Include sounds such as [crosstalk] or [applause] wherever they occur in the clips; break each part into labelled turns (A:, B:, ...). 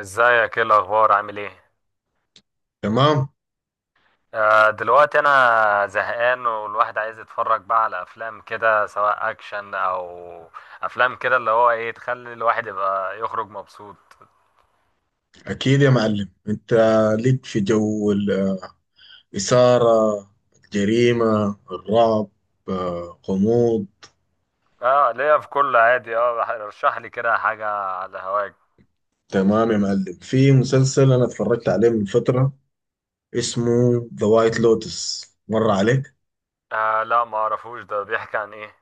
A: ازيك، ايه الاخبار، عامل ايه؟
B: تمام.
A: دلوقتي انا زهقان، والواحد عايز يتفرج بقى على افلام كده، سواء اكشن او افلام كده اللي هو ايه، تخلي الواحد يبقى يخرج مبسوط.
B: أكيد يا معلم، أنت ليك في جو الإثارة، الجريمة، الرعب، غموض.
A: اه ليا في كل، عادي. اه رشح لي كده حاجة على هواك.
B: تمام يا معلم، في مسلسل أنا اتفرجت عليه من فترة اسمه ذا وايت لوتس، مر عليك؟
A: آه لا، ما اعرفوش، ده بيحكي عن ايه؟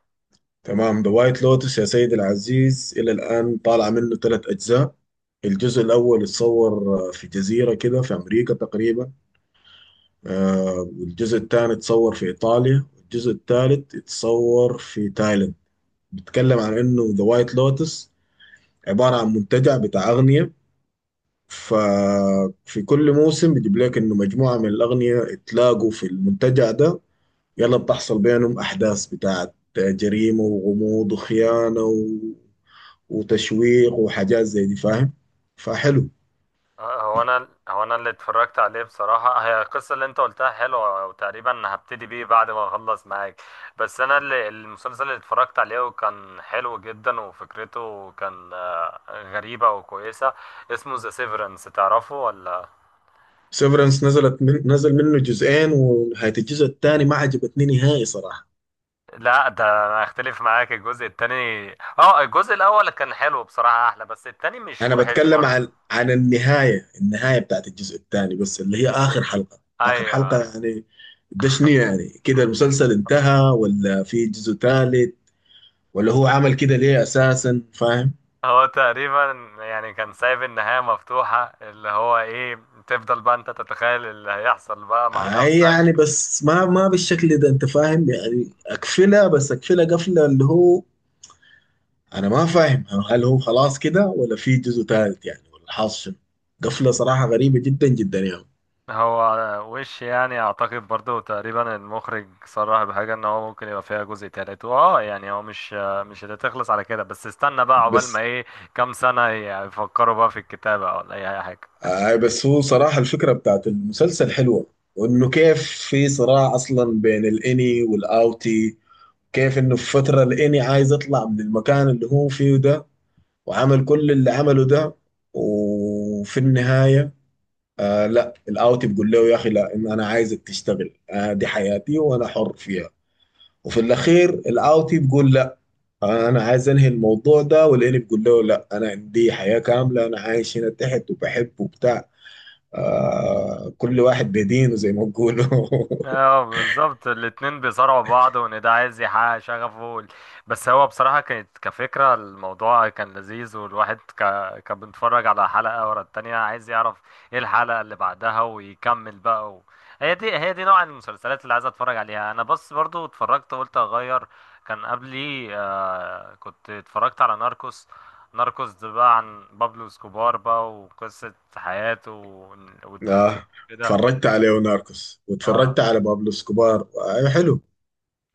B: تمام، ذا وايت لوتس يا سيدي العزيز إلى الآن طالع منه ثلاث أجزاء. الجزء الأول اتصور في جزيرة كده في أمريكا تقريبا. والجزء الثاني اتصور في إيطاليا، والجزء الثالث اتصور في تايلاند. بيتكلم عن انه ذا وايت لوتس عباره عن منتجع بتاع اغنياء، ففي كل موسم بيجيب لك انه مجموعه من الاغنياء اتلاقوا في المنتجع ده، يلا بتحصل بينهم احداث بتاعت جريمه وغموض وخيانه و... وتشويق وحاجات زي دي، فاهم؟ فحلو.
A: هو انا اللي اتفرجت عليه بصراحه، هي القصه اللي انت قلتها حلوه، وتقريبا هبتدي بيه بعد ما اخلص معاك. بس انا اللي المسلسل اللي اتفرجت عليه وكان حلو جدا، وفكرته كان غريبه وكويسه، اسمه ذا سيفرنس، تعرفه ولا؟
B: نزل منه جزئين، ونهايه الجزء الثاني ما عجبتني نهائي صراحه.
A: لا، ده انا اختلف معاك الجزء التاني. اه الجزء الاول كان حلو بصراحه احلى، بس التاني مش
B: انا
A: وحش
B: بتكلم عن
A: برضه.
B: النهايه، النهايه بتاعت الجزء الثاني، بس اللي هي اخر حلقه
A: ايوه.
B: يعني. ده شنو يعني؟ كده المسلسل انتهى ولا في جزء ثالث؟ ولا هو عمل كده ليه اساسا، فاهم؟
A: هو تقريبا يعني كان سايب النهاية مفتوحة، اللي هو ايه، تفضل بقى انت تتخيل اللي هيحصل بقى مع
B: اي
A: نفسك.
B: يعني، بس ما بالشكل ده انت، فاهم يعني؟ اقفلها، بس اقفلها قفله اللي هو، انا ما فاهم هل هو خلاص كده ولا في جزء ثالث يعني، ولا حاصل شنو؟ قفله صراحه غريبه جدا جدا يعني.
A: هو وش يعني اعتقد برضو تقريبا المخرج صرح بحاجة ان هو ممكن يبقى فيها جزء تالت، واه يعني هو مش هتخلص على كده، بس استنى بقى عقبال ما
B: بس
A: ايه كام سنة يفكروا بقى في الكتابة ولا اي حاجة.
B: آه، بس هو صراحة الفكرة بتاعت المسلسل حلوة. وانه كيف في صراع اصلا بين الاني والاوتي، كيف انه في فترة الاني عايز يطلع من المكان اللي هو فيه ده، وعمل كل اللي عمله ده، وفي النهاية آه، لا، الاوتي بيقول له يا اخي لا، إن انا عايزك تشتغل، آه دي حياتي وانا حر فيها. وفي الاخير الاوتي بيقول لا، آه انا عايز انهي الموضوع ده، والاني بيقول له لا، انا عندي حياة كاملة، انا عايش هنا تحت وبحب وبتاع. آه، كل واحد بدينه زي ما بيقولوا.
A: اه بالظبط، الاتنين بيصارعوا بعض، وان ده عايز يحقق شغفه بس هو بصراحة كانت كفكرة، الموضوع كان لذيذ، والواحد كان بيتفرج على حلقة ورا التانية، عايز يعرف ايه الحلقة اللي بعدها ويكمل بقى و... هي دي نوع المسلسلات اللي عايز اتفرج عليها انا، بس برضو اتفرجت قلت اغير. كان قبلي كنت اتفرجت على ناركوس. ناركوس ده بقى عن بابلو اسكوبار بقى، وقصة حياته
B: [laughs]
A: والتمثيل
B: آه.
A: كده.
B: اتفرجت على ليوناركوس واتفرجت
A: آه.
B: على بابلو اسكوبار، آه حلو.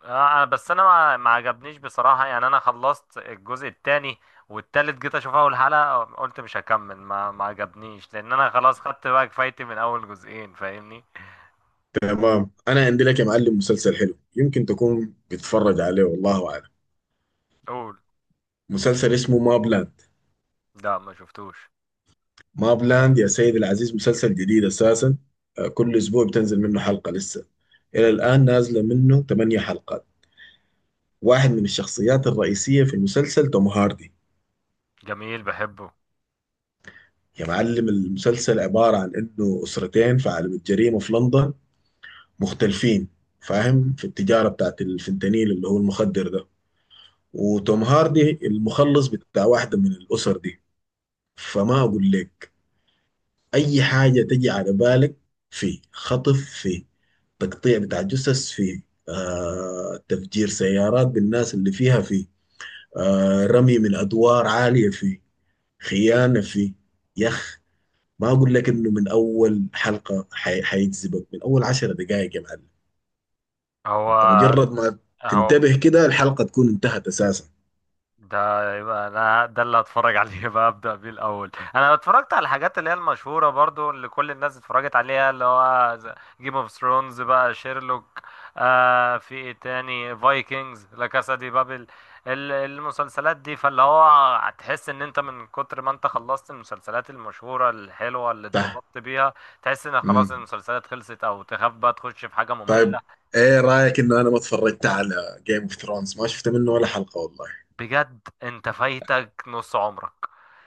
A: اه انا بس انا ما عجبنيش بصراحة، يعني انا خلصت الجزء التاني، والتالت جيت اشوف اول حلقة قلت مش هكمل، ما عجبنيش، لان انا خلاص خدت بقى كفايتي من اول جزئين، فاهمني.
B: تمام، انا عندي لك يا معلم مسلسل حلو، يمكن تكون بتتفرج عليه والله اعلم.
A: قول.
B: مسلسل اسمه مابلاند.
A: لا، ما شفتوش.
B: مابلاند يا سيدي العزيز مسلسل جديد اساسا، آه كل اسبوع بتنزل منه حلقة لسه. الى الان نازلة منه 8 حلقات. واحد من الشخصيات الرئيسية في المسلسل توم هاردي.
A: جميل، بحبه.
B: يا معلم، المسلسل عبارة عن انه اسرتين في عالم الجريمة في لندن مختلفين، فاهم، في التجارة بتاعت الفنتانيل اللي هو المخدر ده. وتوم هاردي المخلص بتاع واحدة من الأسر دي. فما أقول لك، أي حاجة تجي على بالك، في خطف، في تقطيع بتاع جثث، في آه تفجير سيارات بالناس اللي فيها، في آه رمي من أدوار عالية، في خيانة، في يخ. ما أقول لك إنه من أول حلقة حيجذبك من أول عشر دقائق يا معلم.
A: هو
B: انت مجرد ما
A: هو
B: تنتبه كده الحلقة تكون انتهت اساسا.
A: ده يبقى انا ده اللي هتفرج [laughs] عليه بقى، ابدا بيه الاول. انا اتفرجت على الحاجات اللي هي المشهوره برضو اللي كل الناس اتفرجت عليها، اللي هو جيم اوف ثرونز بقى، شيرلوك، في ايه تاني، فايكنجز، لا كاسا دي بابل، المسلسلات دي، فاللي هو هتحس ان انت من كتر ما انت خلصت المسلسلات المشهوره الحلوه اللي
B: صح.
A: اتبسطت بيها، تحس ان خلاص
B: امم.
A: المسلسلات خلصت، او تخاف بقى تخش في حاجه ممله.
B: طيب، ايه رأيك انه انا ما اتفرجت على جيم اوف ثرونز؟ ما شفت منه ولا حلقة والله.
A: بجد انت فايتك نص عمرك،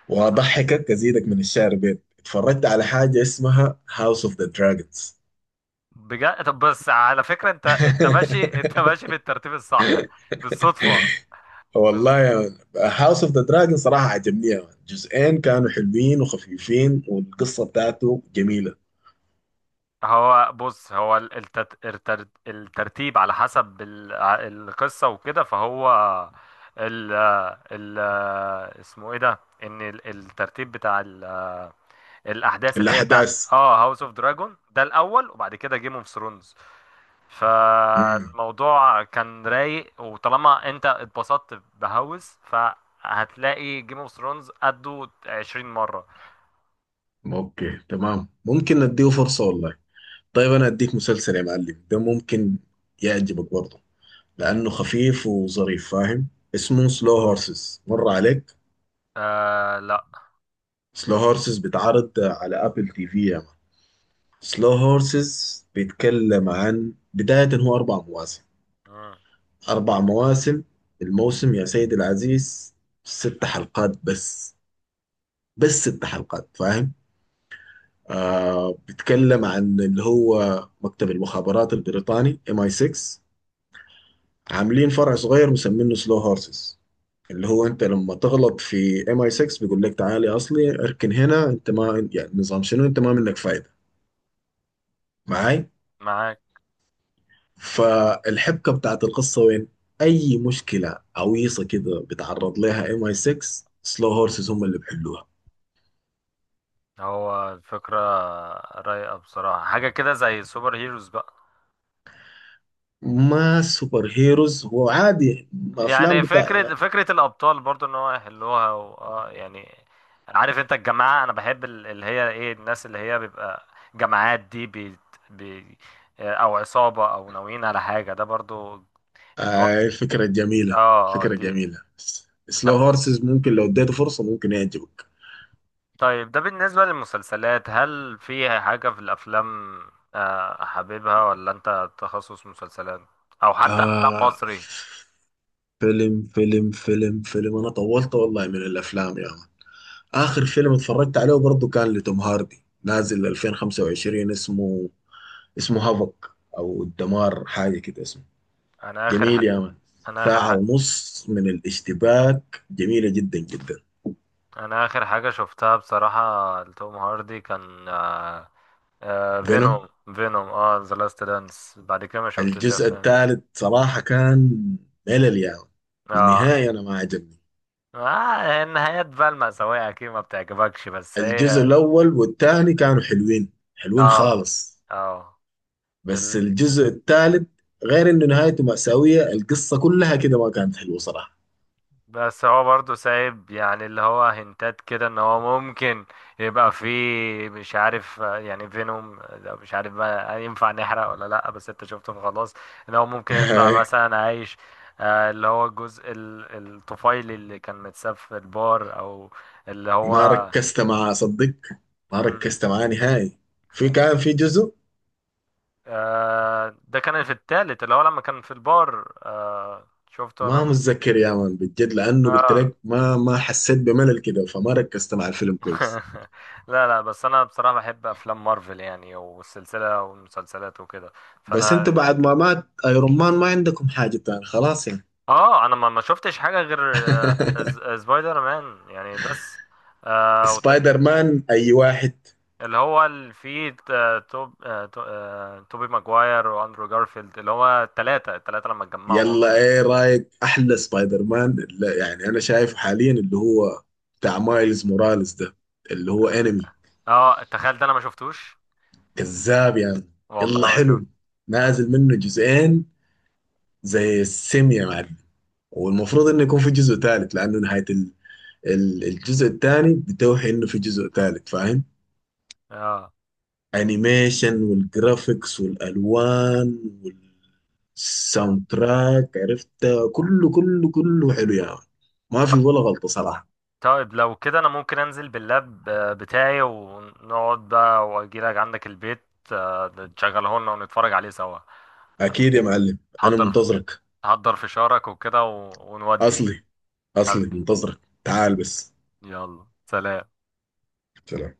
B: واضحكك، ازيدك من الشعر بيت، اتفرجت على حاجة اسمها هاوس اوف ذا دراجونز.
A: بجد. طب بس على فكرة، انت ماشي، انت
B: [laughs]
A: ماشي بالترتيب الصح بالصدفة. بز...
B: والله يا مان، هاوس اوف ذا دراجون صراحة عجبني يا مان، جزئين كانوا حلوين وخفيفين والقصة بتاعته جميلة.
A: هو بص، هو الترتيب على حسب القصة وكده، فهو ال... ال... اسمه ايه ده، ان الترتيب بتاع ال... الاحداث اللي هي بتاع،
B: الأحداث.
A: اه، هاوس اوف دراجون ده الاول، وبعد كده جيم اوف ثرونز.
B: امم،
A: فالموضوع كان رايق، وطالما انت اتبسطت بهوس، فهتلاقي جيم اوف ثرونز قده 20 مرة.
B: اوكي تمام، ممكن نديه فرصة والله. طيب انا اديك مسلسل يا معلم ده ممكن يعجبك برضه، لانه خفيف وظريف، فاهم. اسمه سلو هورسز، مر عليك؟
A: آه لا.
B: سلو هورسز بيتعرض على ابل تي في يا مان. سلو هورسز بيتكلم عن بداية، هو اربع مواسم،
A: مم.
B: اربع مواسم. الموسم يا سيدي العزيز ست حلقات بس، بس ست حلقات، فاهم. آه، بيتكلم عن اللي هو مكتب المخابرات البريطاني ام اي 6، عاملين فرع صغير مسمينه سلو هورسز، اللي هو انت لما تغلط في ام اي 6 بيقول لك تعالي اصلي اركن هنا انت، ما يعني نظام شنو، انت ما منك فايده. معاي؟
A: معاك.
B: فالحبكه بتاعت القصه وين، اي مشكله عويصه كده بتعرض لها ام اي 6 سلو هورسز هم اللي بيحلوها.
A: هو الفكرة رايقة بصراحة، حاجة كده زي سوبر هيروز بقى،
B: ما سوبر هيروز هو عادي، افلام
A: يعني
B: بتاع،
A: فكرة الأبطال برضو، إن هو يحلوها و... آه يعني عارف أنت الجماعة، أنا بحب اللي هي إيه، الناس اللي هي بيبقى جماعات دي بي... أو عصابة، أو ناويين على حاجة، ده برضو.
B: آه فكره
A: اه.
B: جميله،
A: آه،
B: فكره
A: دي.
B: جميله. سلو
A: ده-
B: هورسز ممكن لو اديته فرصه ممكن يعجبك.
A: طيب، ده بالنسبة للمسلسلات، هل في حاجة في الأفلام آه، حاببها، ولا أنت تخصص مسلسلات، أو حتى أفلام
B: آه،
A: مصري؟
B: فيلم، انا طولت والله من الافلام يا ما. اخر فيلم اتفرجت عليه برضه كان لتوم هاردي، نازل 2025، اسمه هافك، او الدمار حاجه كده اسمه.
A: أنا آخر ح...
B: جميل يا مان،
A: أنا آخر
B: ساعه
A: ح...
B: ونص من الاشتباك، جميله جدا جدا.
A: أنا آخر حاجة شفتها بصراحة لتوم هاردي كان
B: فينوم.
A: فينوم. فينوم اه ذا لاست دانس، بعد كده ما شفتش
B: الجزء
A: أفلام.
B: الثالث صراحه كان ملل يا مان،
A: اه.
B: النهايه انا ما عجبني.
A: آه، النهايات بقى المأساوية أكيد ما بتعجبكش، بس
B: الجزء
A: هي،
B: الاول والثاني كانوا حلوين، حلوين
A: اه،
B: خالص.
A: اه،
B: بس الجزء الثالث، غير انه نهايته مأساوية، القصة كلها كده ما كانت حلوة صراحة.
A: بس هو برضه سايب يعني، اللي هو هنتات كده ان هو ممكن يبقى فيه، مش عارف آه، يعني فينوم ده مش عارف بقى ينفع نحرق ولا لا، بس انت شفته فخلاص، ان هو
B: [laughs]
A: ممكن يطلع
B: هاي،
A: مثلا عايش، آه، اللي هو الجزء الطفيلي اللي كان متساب في البار، او اللي
B: ما
A: هو،
B: ركزت معاه صدق، ما
A: مم.
B: ركزت معاه نهائي. في
A: [laughs]
B: كان في جزء،
A: آه، ده كان في التالت اللي هو لما كان في البار، آه، شفته
B: ما
A: لما،
B: متذكر يا مان بالجد، لانه قلت
A: آه.
B: لك ما حسيت بملل كده فما ركزت مع الفيلم كويس.
A: [laughs] لا لا، بس انا بصراحه بحب افلام مارفل، يعني والسلسله والمسلسلات وكده،
B: بس انت
A: فانا
B: بعد ما مات ايرون مان ما عندكم حاجة تاني خلاص يعني.
A: اه انا ما شفتش حاجه غير آه،
B: [laughs]
A: سبايدر مان يعني بس، آه وت...
B: سبايدر مان اي واحد؟
A: اللي هو اللي فيه آه، توب آه، تو... آه، توبي ماجواير واندرو جارفيلد، اللي هو التلاتة لما اتجمعوا.
B: يلا، ايه رايك احلى سبايدر مان اللي يعني انا شايفه حاليا اللي هو بتاع مايلز موراليس ده اللي هو انمي
A: اه تخيل، ده انا ما شفتوش،
B: كذاب يعني.
A: والله
B: يلا
A: ما شفت.
B: حلو، نازل منه جزئين زي السم يا معلم. والمفروض انه يكون في جزء ثالث، لانه نهاية الجزء الثاني بتوحي انه في جزء ثالث، فاهم.
A: اه
B: انيميشن والجرافيكس والالوان والساوند تراك، عرفت، كله حلو يا يعني. ما في ولا غلطة صراحة.
A: طيب لو كده انا ممكن انزل باللاب آه، بتاعي، ونقعد بقى واجيلك عندك البيت، آه، تشغله لنا، ونتفرج عليه سوا.
B: اكيد يا معلم، انا
A: حضر،
B: منتظرك.
A: حضر فشارك وكده ونودي.
B: اصلي اصلي
A: حبيبي،
B: منتظرك، تعال بس.
A: يلا، سلام.
B: سلام.